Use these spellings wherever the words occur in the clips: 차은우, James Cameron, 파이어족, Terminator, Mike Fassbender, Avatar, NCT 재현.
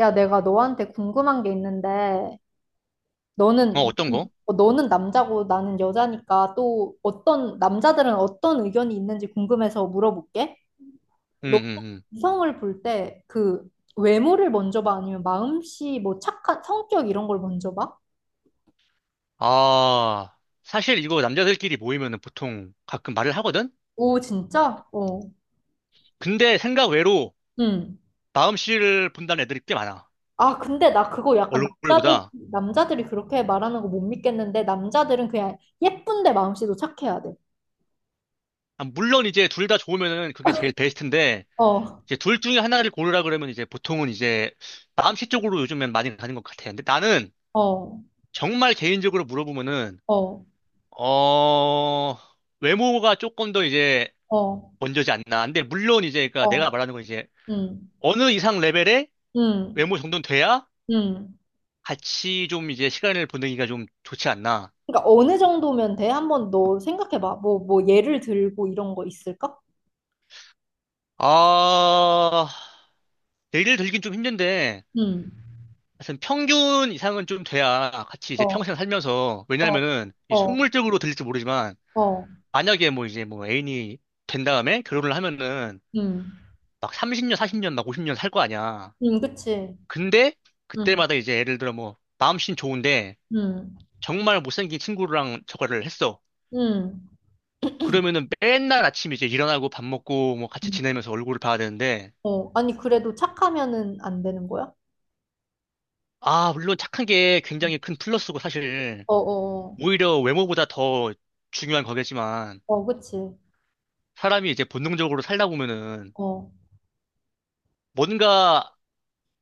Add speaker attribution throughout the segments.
Speaker 1: 야, 내가 너한테 궁금한 게 있는데,
Speaker 2: 어,
Speaker 1: 너는,
Speaker 2: 어떤 거?
Speaker 1: 어, 너는 남자고 나는 여자니까 또 어떤, 남자들은 어떤 의견이 있는지 궁금해서 물어볼게. 너
Speaker 2: 응응응.
Speaker 1: 이성을 볼 때 그 외모를 먼저 봐? 아니면 마음씨, 뭐 착한 성격 이런 걸 먼저 봐?
Speaker 2: 아, 사실 이거 남자들끼리 모이면은 보통 가끔 말을 하거든?
Speaker 1: 오, 진짜? 어.
Speaker 2: 근데 생각 외로
Speaker 1: 응.
Speaker 2: 마음씨를 본다는 애들이 꽤 많아.
Speaker 1: 아, 근데 나 그거 약간
Speaker 2: 얼굴보다.
Speaker 1: 남자들이 그렇게 말하는 거 못 믿겠는데, 남자들은 그냥 예쁜데 마음씨도 착해야 돼.
Speaker 2: 아, 물론 이제 둘 다 좋으면은 그게 제일 베스트인데,
Speaker 1: 어,
Speaker 2: 이제 둘 중에 하나를 고르라 그러면 이제 보통은 이제 마음씨 쪽으로 요즘엔 많이 가는 것 같아. 근데 나는
Speaker 1: 어,
Speaker 2: 정말 개인적으로 물어보면은,
Speaker 1: 어,
Speaker 2: 어, 외모가 조금 더 이제
Speaker 1: 어,
Speaker 2: 먼저지 않나. 근데 물론 이제 그러니까 내가
Speaker 1: 어.
Speaker 2: 말하는 건 이제
Speaker 1: 응
Speaker 2: 어느 이상 레벨의
Speaker 1: 응
Speaker 2: 외모 정도는 돼야
Speaker 1: 응
Speaker 2: 같이 좀 이제 시간을 보내기가 좀 좋지 않나.
Speaker 1: 그러니까 어느 정도면 돼? 한번 너 생각해봐. 뭐 예를 들고 이런 거 있을까?
Speaker 2: 아, 내일 들긴 좀 힘든데,
Speaker 1: 응
Speaker 2: 하여튼 평균 이상은 좀 돼야 같이 이제
Speaker 1: 어,
Speaker 2: 평생 살면서,
Speaker 1: 어,
Speaker 2: 왜냐면은, 이
Speaker 1: 어,
Speaker 2: 속물적으로 들릴지 모르지만,
Speaker 1: 어,
Speaker 2: 만약에 뭐 이제 뭐 애인이 된 다음에 결혼을 하면은,
Speaker 1: 응
Speaker 2: 막 30년, 40년, 막 50년 살 거 아니야.
Speaker 1: 응 그치.
Speaker 2: 근데,
Speaker 1: 음,
Speaker 2: 그때마다 이제 예를 들어 뭐, 마음씨는 좋은데,
Speaker 1: 응
Speaker 2: 정말 못생긴 친구랑 저거를 했어.
Speaker 1: 응
Speaker 2: 그러면은 맨날 아침 이제 일어나고 밥 먹고 뭐 같이
Speaker 1: 응
Speaker 2: 지내면서 얼굴을 봐야 되는데,
Speaker 1: 어, 아니, 그래도 착하면은 안 되는 거야?
Speaker 2: 아, 물론 착한 게 굉장히 큰 플러스고 사실
Speaker 1: 어, 어,
Speaker 2: 오히려 외모보다 더 중요한 거겠지만
Speaker 1: 어, 어, 그치.
Speaker 2: 사람이 이제 본능적으로 살다 보면은
Speaker 1: 어,
Speaker 2: 뭔가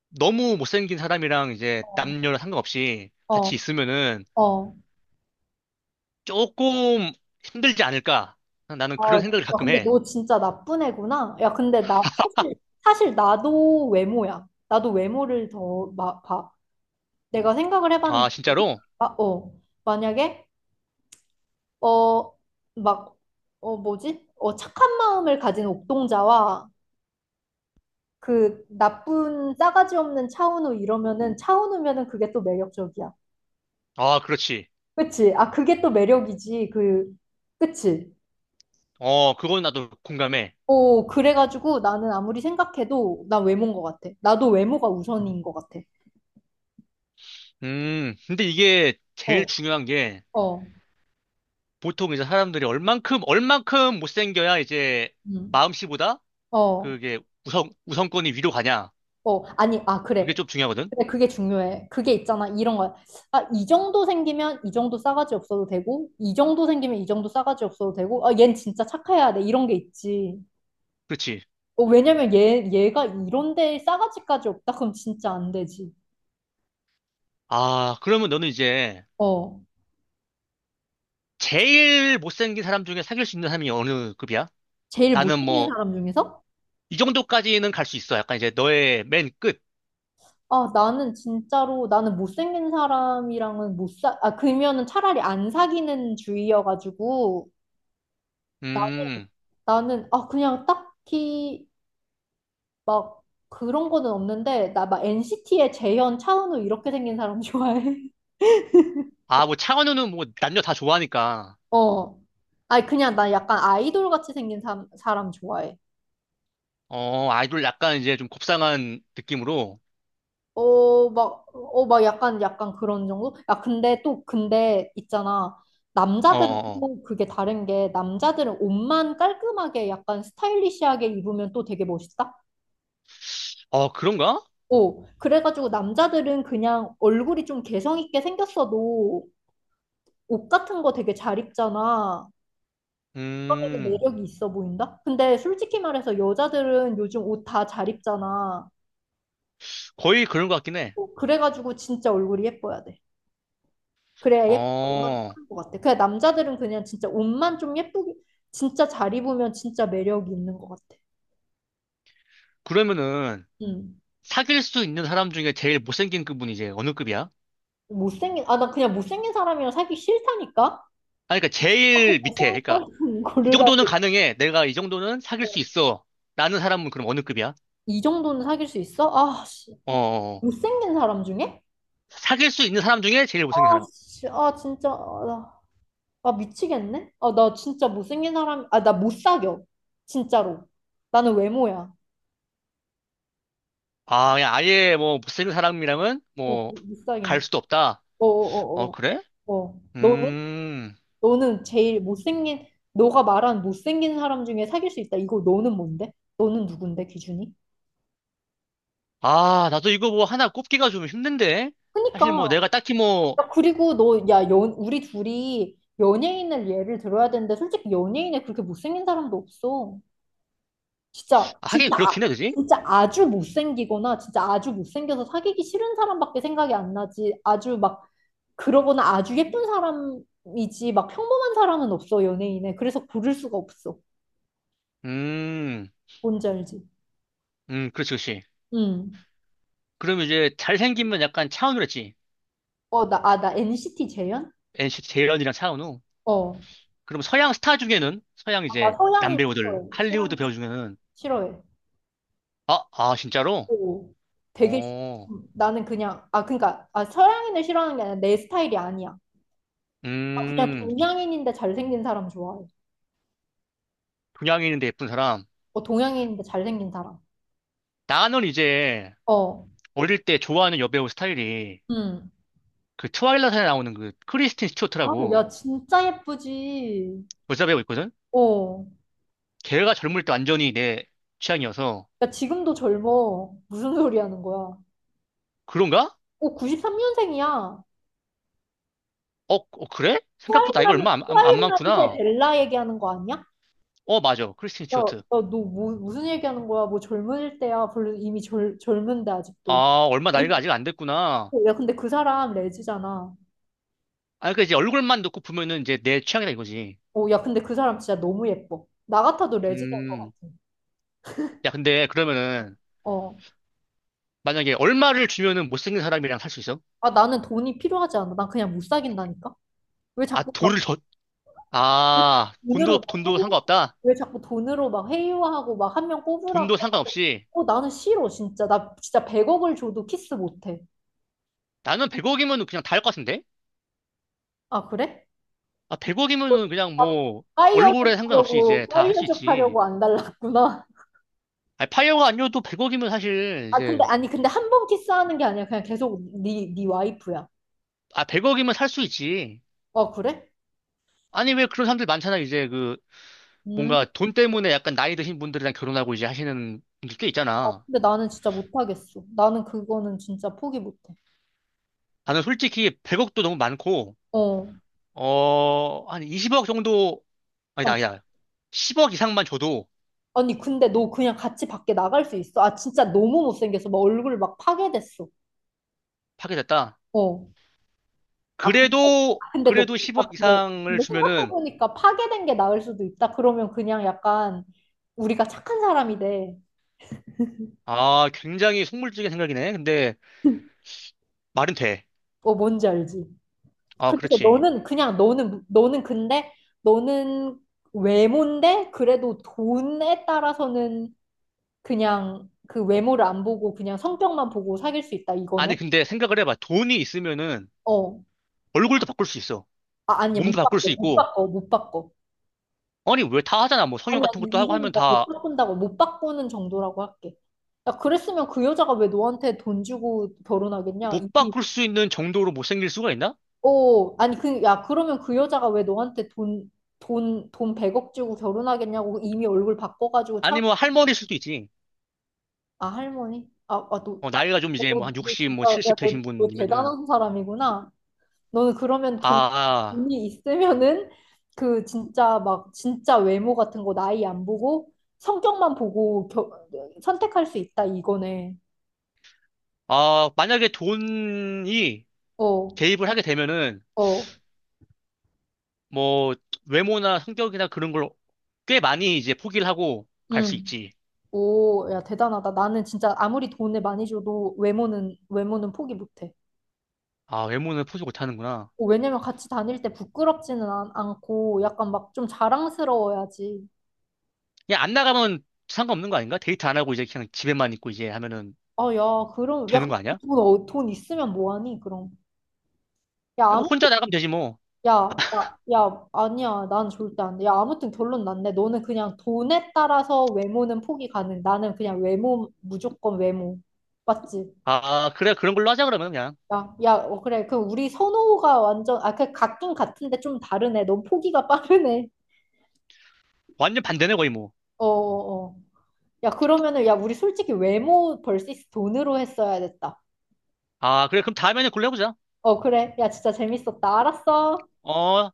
Speaker 2: 너무 못생긴 사람이랑 이제
Speaker 1: 어,
Speaker 2: 남녀랑 상관없이
Speaker 1: 어,
Speaker 2: 같이 있으면은
Speaker 1: 어.
Speaker 2: 조금 힘들지 않을까? 나는
Speaker 1: 아,
Speaker 2: 그런 생각을
Speaker 1: 야,
Speaker 2: 가끔
Speaker 1: 근데
Speaker 2: 해.
Speaker 1: 너 진짜 나쁜 애구나. 야, 근데 나 사실, 사실 나도 외모야. 나도 외모를 더 봐. 내가 생각을
Speaker 2: 아,
Speaker 1: 해봤는데,
Speaker 2: 진짜로?
Speaker 1: 아, 어, 만약에, 어, 막, 어, 뭐지? 어, 착한 마음을 가진 옥동자와 그 나쁜 싸가지 없는 차은우 이러면은 차은우면은 그게 또 매력적이야.
Speaker 2: 아, 그렇지.
Speaker 1: 그치? 아, 그게 또 매력이지. 그, 그치?
Speaker 2: 어, 그건 나도 공감해.
Speaker 1: 어, 그래가지고 나는 아무리 생각해도 난 외모인 것 같아. 나도 외모가 우선인 것 같아.
Speaker 2: 근데 이게 제일
Speaker 1: 어,
Speaker 2: 중요한 게
Speaker 1: 어,
Speaker 2: 보통 이제 사람들이 얼만큼 못생겨야 이제
Speaker 1: 음,
Speaker 2: 마음씨보다
Speaker 1: 어,
Speaker 2: 그게 우선권이 위로 가냐?
Speaker 1: 어. 아니, 아,
Speaker 2: 그게
Speaker 1: 그래.
Speaker 2: 좀 중요하거든?
Speaker 1: 근데 그게 중요해. 그게 있잖아. 이런 거야. 아, 이 정도 생기면 이 정도 싸가지 없어도 되고, 이 정도 생기면 이 정도 싸가지 없어도 되고, 아, 얜 진짜 착해야 돼. 이런 게 있지.
Speaker 2: 그렇지.
Speaker 1: 어, 왜냐면 얘가 이런데 싸가지까지 없다? 그럼 진짜 안 되지.
Speaker 2: 아, 그러면 너는 이제
Speaker 1: 어.
Speaker 2: 제일 못생긴 사람 중에 사귈 수 있는 사람이 어느 급이야?
Speaker 1: 제일
Speaker 2: 나는
Speaker 1: 못생긴
Speaker 2: 뭐,
Speaker 1: 사람 중에서?
Speaker 2: 이 정도까지는 갈 수 있어. 약간 이제 너의 맨 끝.
Speaker 1: 아, 나는 진짜로, 나는 못생긴 사람이랑은 못 사, 아, 그러면은 차라리 안 사귀는 주의여가지고, 나,
Speaker 2: 음.
Speaker 1: 아, 그냥 딱히 막 그런 거는 없는데 나 막 NCT의 재현, 차은우 이렇게 생긴 사람 좋아해.
Speaker 2: 아, 뭐 창원우는 뭐 남녀 다 좋아하니까.
Speaker 1: 어. 아니 그냥 나 약간 아이돌 같이 생긴 사람 좋아해.
Speaker 2: 어, 아이돌 약간 이제 좀 곱상한 느낌으로.
Speaker 1: 어, 막, 어, 막 약간, 약간 그런 정도? 야, 근데 또, 근데 있잖아.
Speaker 2: 어,
Speaker 1: 남자들은
Speaker 2: 어, 어.
Speaker 1: 또 그게 다른 게, 남자들은 옷만 깔끔하게 약간 스타일리시하게 입으면 또 되게 멋있다?
Speaker 2: 어, 그런가?
Speaker 1: 어, 그래가지고 남자들은 그냥 얼굴이 좀 개성 있게 생겼어도 옷 같은 거 되게 잘 입잖아. 하는
Speaker 2: 음,
Speaker 1: 매력이 있어 보인다? 근데 솔직히 말해서 여자들은 요즘 옷 다 잘 입잖아.
Speaker 2: 거의 그런 것 같긴 해.
Speaker 1: 어, 그래가지고 진짜 얼굴이 예뻐야 돼. 그래야 예쁜
Speaker 2: 어,
Speaker 1: 것 같아. 그냥 남자들은 그냥 진짜 옷만 좀 예쁘게, 진짜 잘 입으면 진짜 매력이 있는 것 같아.
Speaker 2: 그러면은
Speaker 1: 음.
Speaker 2: 사귈 수 있는 사람 중에 제일 못생긴 그분이 이제 어느 급이야?
Speaker 1: 못생긴, 아, 나 그냥 못생긴 사람이랑 사기 싫다니까?
Speaker 2: 아니, 그러니까 제일 밑에.
Speaker 1: 못생긴
Speaker 2: 그러니까
Speaker 1: 사람
Speaker 2: 이 정도는
Speaker 1: 고르라고.
Speaker 2: 가능해. 내가 이 정도는 사귈 수 있어. 라는 사람은 그럼 어느 급이야?
Speaker 1: 이 정도는 사귈 수 있어? 아, 씨.
Speaker 2: 어, 어. 어.
Speaker 1: 못생긴 사람 중에?
Speaker 2: 사귈 수 있는 사람 중에 제일
Speaker 1: 아,
Speaker 2: 못생긴 사람.
Speaker 1: 씨. 아, 진짜. 아, 나. 아, 미치겠네? 아, 나 진짜 못생긴 사람, 아, 나 못 사겨. 진짜로. 나는 외모야.
Speaker 2: 아, 그냥 아예 뭐 못생긴 사람이랑은
Speaker 1: 어,
Speaker 2: 뭐
Speaker 1: 못
Speaker 2: 갈
Speaker 1: 사귄다.
Speaker 2: 수도 없다. 어,
Speaker 1: 어어어어.
Speaker 2: 그래?
Speaker 1: 어, 어, 어, 어. 어. 너는?
Speaker 2: 음.
Speaker 1: 너는 제일 못생긴, 너가 말한 못생긴 사람 중에 사귈 수 있다. 이거 너는 뭔데? 너는 누군데, 기준이?
Speaker 2: 아, 나도 이거 뭐 하나 꼽기가 좀 힘든데. 사실 뭐
Speaker 1: 그니까.
Speaker 2: 내가 딱히 뭐
Speaker 1: 야, 그리고 야, 우리 둘이 연예인을 예를 들어야 되는데, 솔직히 연예인에 그렇게 못생긴 사람도 없어. 진짜,
Speaker 2: 아, 하긴
Speaker 1: 진짜
Speaker 2: 그렇긴 해, 그지?
Speaker 1: 진짜 아주 못생기거나 진짜 아주 못생겨서 사귀기 싫은 사람밖에 생각이 안 나지. 아주 막 그러거나 아주 예쁜 사람이지 막 평범한 사람은 없어 연예인에. 그래서 고를 수가 없어.
Speaker 2: 음.
Speaker 1: 뭔지 알지?
Speaker 2: 그렇지, 그렇지.
Speaker 1: 응.
Speaker 2: 그럼 이제 잘생기면 약간 차은우랬지.
Speaker 1: 어, 나, 아, 나 NCT 재현?
Speaker 2: NCT 재현이랑 차은우.
Speaker 1: 어.
Speaker 2: 그럼 서양 스타 중에는 서양
Speaker 1: 아, 나
Speaker 2: 이제
Speaker 1: 서양인
Speaker 2: 남배우들
Speaker 1: 싫어해. 서양인
Speaker 2: 할리우드 배우 중에는
Speaker 1: 싫어해.
Speaker 2: 아, 진짜로?
Speaker 1: 오. 되게 싫-
Speaker 2: 어,
Speaker 1: 나는 그냥 아 그러니까 아 서양인을 싫어하는 게 아니라 내 스타일이 아니야. 나 그냥
Speaker 2: 음,
Speaker 1: 동양인인데 잘생긴 사람 좋아해.
Speaker 2: 동양인인데 예쁜 사람.
Speaker 1: 어 동양인인데 잘생긴 사람.
Speaker 2: 나는 이제
Speaker 1: 어.
Speaker 2: 어릴 때 좋아하는 여배우 스타일이
Speaker 1: 음.
Speaker 2: 그 트와일라이트에 나오는 그 크리스틴
Speaker 1: 아,
Speaker 2: 스튜어트라고
Speaker 1: 야, 진짜 예쁘지.
Speaker 2: 여자 배우 있거든?
Speaker 1: 어.
Speaker 2: 걔가 젊을 때 완전히 내 취향이어서
Speaker 1: 야, 지금도 젊어. 무슨 소리 하는 거야?
Speaker 2: 그런가?
Speaker 1: 오, 93년생이야.
Speaker 2: 어, 어, 그래? 생각보다 나이가 얼마 안
Speaker 1: 트와일라이트의
Speaker 2: 많구나.
Speaker 1: 벨라 얘기하는 거 아니야?
Speaker 2: 어, 맞아. 크리스틴
Speaker 1: 야, 야,
Speaker 2: 스튜어트.
Speaker 1: 무슨 얘기하는 거야? 뭐 젊을 때야. 별로 이미 젊은데, 아직도.
Speaker 2: 아, 얼마 나이가 아직 안 됐구나.
Speaker 1: 야, 근데 그 사람 레즈잖아.
Speaker 2: 아, 그러니까 이제 얼굴만 놓고 보면은 이제 내 취향이다 이거지.
Speaker 1: 어, 야, 근데 그 사람 진짜 너무 예뻐. 나 같아도 레즈인 것
Speaker 2: 음.
Speaker 1: 같아.
Speaker 2: 야, 근데 그러면은
Speaker 1: 어.
Speaker 2: 만약에 얼마를 주면은 못생긴 사람이랑 살 수 있어?
Speaker 1: 아, 나는 돈이 필요하지 않아. 난 그냥 못 사귄다니까? 왜
Speaker 2: 아,
Speaker 1: 자꾸
Speaker 2: 돈을 더,
Speaker 1: 왜
Speaker 2: 아,
Speaker 1: 돈으로
Speaker 2: 돈도,
Speaker 1: 막
Speaker 2: 돈도
Speaker 1: 회유,
Speaker 2: 상관없다?
Speaker 1: 왜 자꾸 돈으로 막 회유하고 막 한 명 뽑으라고
Speaker 2: 돈도 상관없이
Speaker 1: 어, 나는 싫어, 진짜. 나 진짜 100억을 줘도 키스 못해.
Speaker 2: 나는 100억이면은 그냥 다 할 것 같은데?
Speaker 1: 아, 그래?
Speaker 2: 아,
Speaker 1: 어,
Speaker 2: 100억이면은 그냥
Speaker 1: 나
Speaker 2: 뭐 얼굴에 상관없이 이제 다 할 수
Speaker 1: 파이어족
Speaker 2: 있지.
Speaker 1: 하려고 안 달랐구나.
Speaker 2: 아, 파이어가 아니어도 100억이면 사실
Speaker 1: 아, 근데,
Speaker 2: 이제,
Speaker 1: 아니, 근데 한 번 키스하는 게 아니라 그냥 계속 네 와이프야.
Speaker 2: 아, 100억이면 살 수 있지.
Speaker 1: 아, 그래?
Speaker 2: 아니, 왜 그런 사람들 많잖아. 이제 그
Speaker 1: 음.
Speaker 2: 뭔가 돈 때문에 약간 나이 드신 분들이랑 결혼하고 이제 하시는 분들 꽤
Speaker 1: 아,
Speaker 2: 있잖아.
Speaker 1: 근데 나는 진짜 못하겠어. 나는 그거는 진짜 포기 못해.
Speaker 2: 나는 솔직히 100억도 너무 많고,
Speaker 1: 어.
Speaker 2: 어, 한 20억 정도
Speaker 1: 아,
Speaker 2: 아니다, 아니다. 10억 이상만 줘도
Speaker 1: 아니, 근데 너 그냥 같이 밖에 나갈 수 있어? 아, 진짜 너무 못생겨서 막 얼굴 막 파괴됐어.
Speaker 2: 파괴됐다.
Speaker 1: 어. 아, 근데,
Speaker 2: 그래도,
Speaker 1: 아,
Speaker 2: 그래도
Speaker 1: 아,
Speaker 2: 10억
Speaker 1: 근데,
Speaker 2: 이상을
Speaker 1: 근데
Speaker 2: 주면은,
Speaker 1: 생각해보니까 파괴된 게 나을 수도 있다. 그러면 그냥 약간 우리가 착한 사람이 돼.
Speaker 2: 아, 굉장히 속물적인 생각이네. 근데, 말은 돼.
Speaker 1: 어, 뭔지 알지?
Speaker 2: 아,
Speaker 1: 그래서
Speaker 2: 그렇지.
Speaker 1: 너는 그냥 너는 근데 너는 외모인데 그래도 돈에 따라서는 그냥 그 외모를 안 보고 그냥 성격만 보고 사귈 수 있다. 이거네?
Speaker 2: 아니, 근데 생각을 해봐. 돈이 있으면은,
Speaker 1: 어.
Speaker 2: 얼굴도 바꿀 수 있어.
Speaker 1: 아, 아니,
Speaker 2: 몸도
Speaker 1: 못
Speaker 2: 바꿀
Speaker 1: 바꿔.
Speaker 2: 수
Speaker 1: 못
Speaker 2: 있고,
Speaker 1: 바꿔. 못 바꿔.
Speaker 2: 아니, 왜 다 하잖아. 뭐 성형
Speaker 1: 아니,
Speaker 2: 같은
Speaker 1: 아니,
Speaker 2: 것도 하고
Speaker 1: 이거는
Speaker 2: 하면
Speaker 1: 나 못
Speaker 2: 다,
Speaker 1: 바꾼다고, 못 바꾸는 정도라고 할게. 야, 그랬으면 그 여자가 왜 너한테 돈 주고 결혼하겠냐?
Speaker 2: 못
Speaker 1: 이게,
Speaker 2: 바꿀 수 있는 정도로 못생길 수가 있나?
Speaker 1: 어, 아니, 그, 야, 그러면 그 여자가 왜 너한테 돈 100억 주고 결혼하겠냐고 이미 얼굴 바꿔가지고 차,
Speaker 2: 아니, 뭐 할머니일 수도 있지.
Speaker 1: 아, 할머니? 아, 아, 너,
Speaker 2: 어, 나이가 좀 이제 뭐 한
Speaker 1: 너, 너
Speaker 2: 60, 뭐
Speaker 1: 진짜, 야,
Speaker 2: 70 되신
Speaker 1: 너
Speaker 2: 분이면은,
Speaker 1: 대단한 사람이구나. 너는 그러면
Speaker 2: 아,
Speaker 1: 돈,
Speaker 2: 아,
Speaker 1: 돈이 있으면은 그 진짜 막 진짜 외모 같은 거 나이 안 보고 성격만 보고 겨, 선택할 수 있다 이거네.
Speaker 2: 만약에 돈이
Speaker 1: 어,
Speaker 2: 개입을 하게 되면은,
Speaker 1: 어,
Speaker 2: 뭐 외모나 성격이나 그런 걸 꽤 많이 이제 포기를 하고 갈 수
Speaker 1: 응.
Speaker 2: 있지.
Speaker 1: 오, 야 대단하다. 나는 진짜 아무리 돈을 많이 줘도 외모는 포기 못해.
Speaker 2: 아, 외모는 포기 못 하는구나.
Speaker 1: 어, 왜냐면 같이 다닐 때 부끄럽지는 않, 않고 약간 막 좀 자랑스러워야지.
Speaker 2: 그냥 안 나가면 상관없는 거 아닌가? 데이트 안 하고 이제 그냥 집에만 있고 이제 하면은
Speaker 1: 아, 야,
Speaker 2: 되는 거 아니야?
Speaker 1: 돈, 어, 돈 있으면 뭐하니 그럼. 야,
Speaker 2: 뭐
Speaker 1: 아무
Speaker 2: 혼자 나가면 되지 뭐.
Speaker 1: 야, 야, 아니야. 난 절대 안 돼. 야, 아무튼 결론 났네. 너는 그냥 돈에 따라서 외모는 포기 가능. 나는 그냥 외모, 무조건 외모. 맞지?
Speaker 2: 아, 그래 그런 걸로 하자 그러면 그냥.
Speaker 1: 야, 야, 어, 그래. 그 우리 선호가 완전, 아, 그 같긴 같은데 좀 다르네. 넌 포기가 빠르네.
Speaker 2: 완전 반대네 거의 뭐.
Speaker 1: 어, 어, 어. 야, 그러면은, 야, 우리 솔직히 외모 벌스 돈으로 했어야 됐다.
Speaker 2: 아, 그래 그럼 다음에는 그걸로 해보자.
Speaker 1: 어, 그래. 야, 진짜 재밌었다. 알았어.
Speaker 2: 어.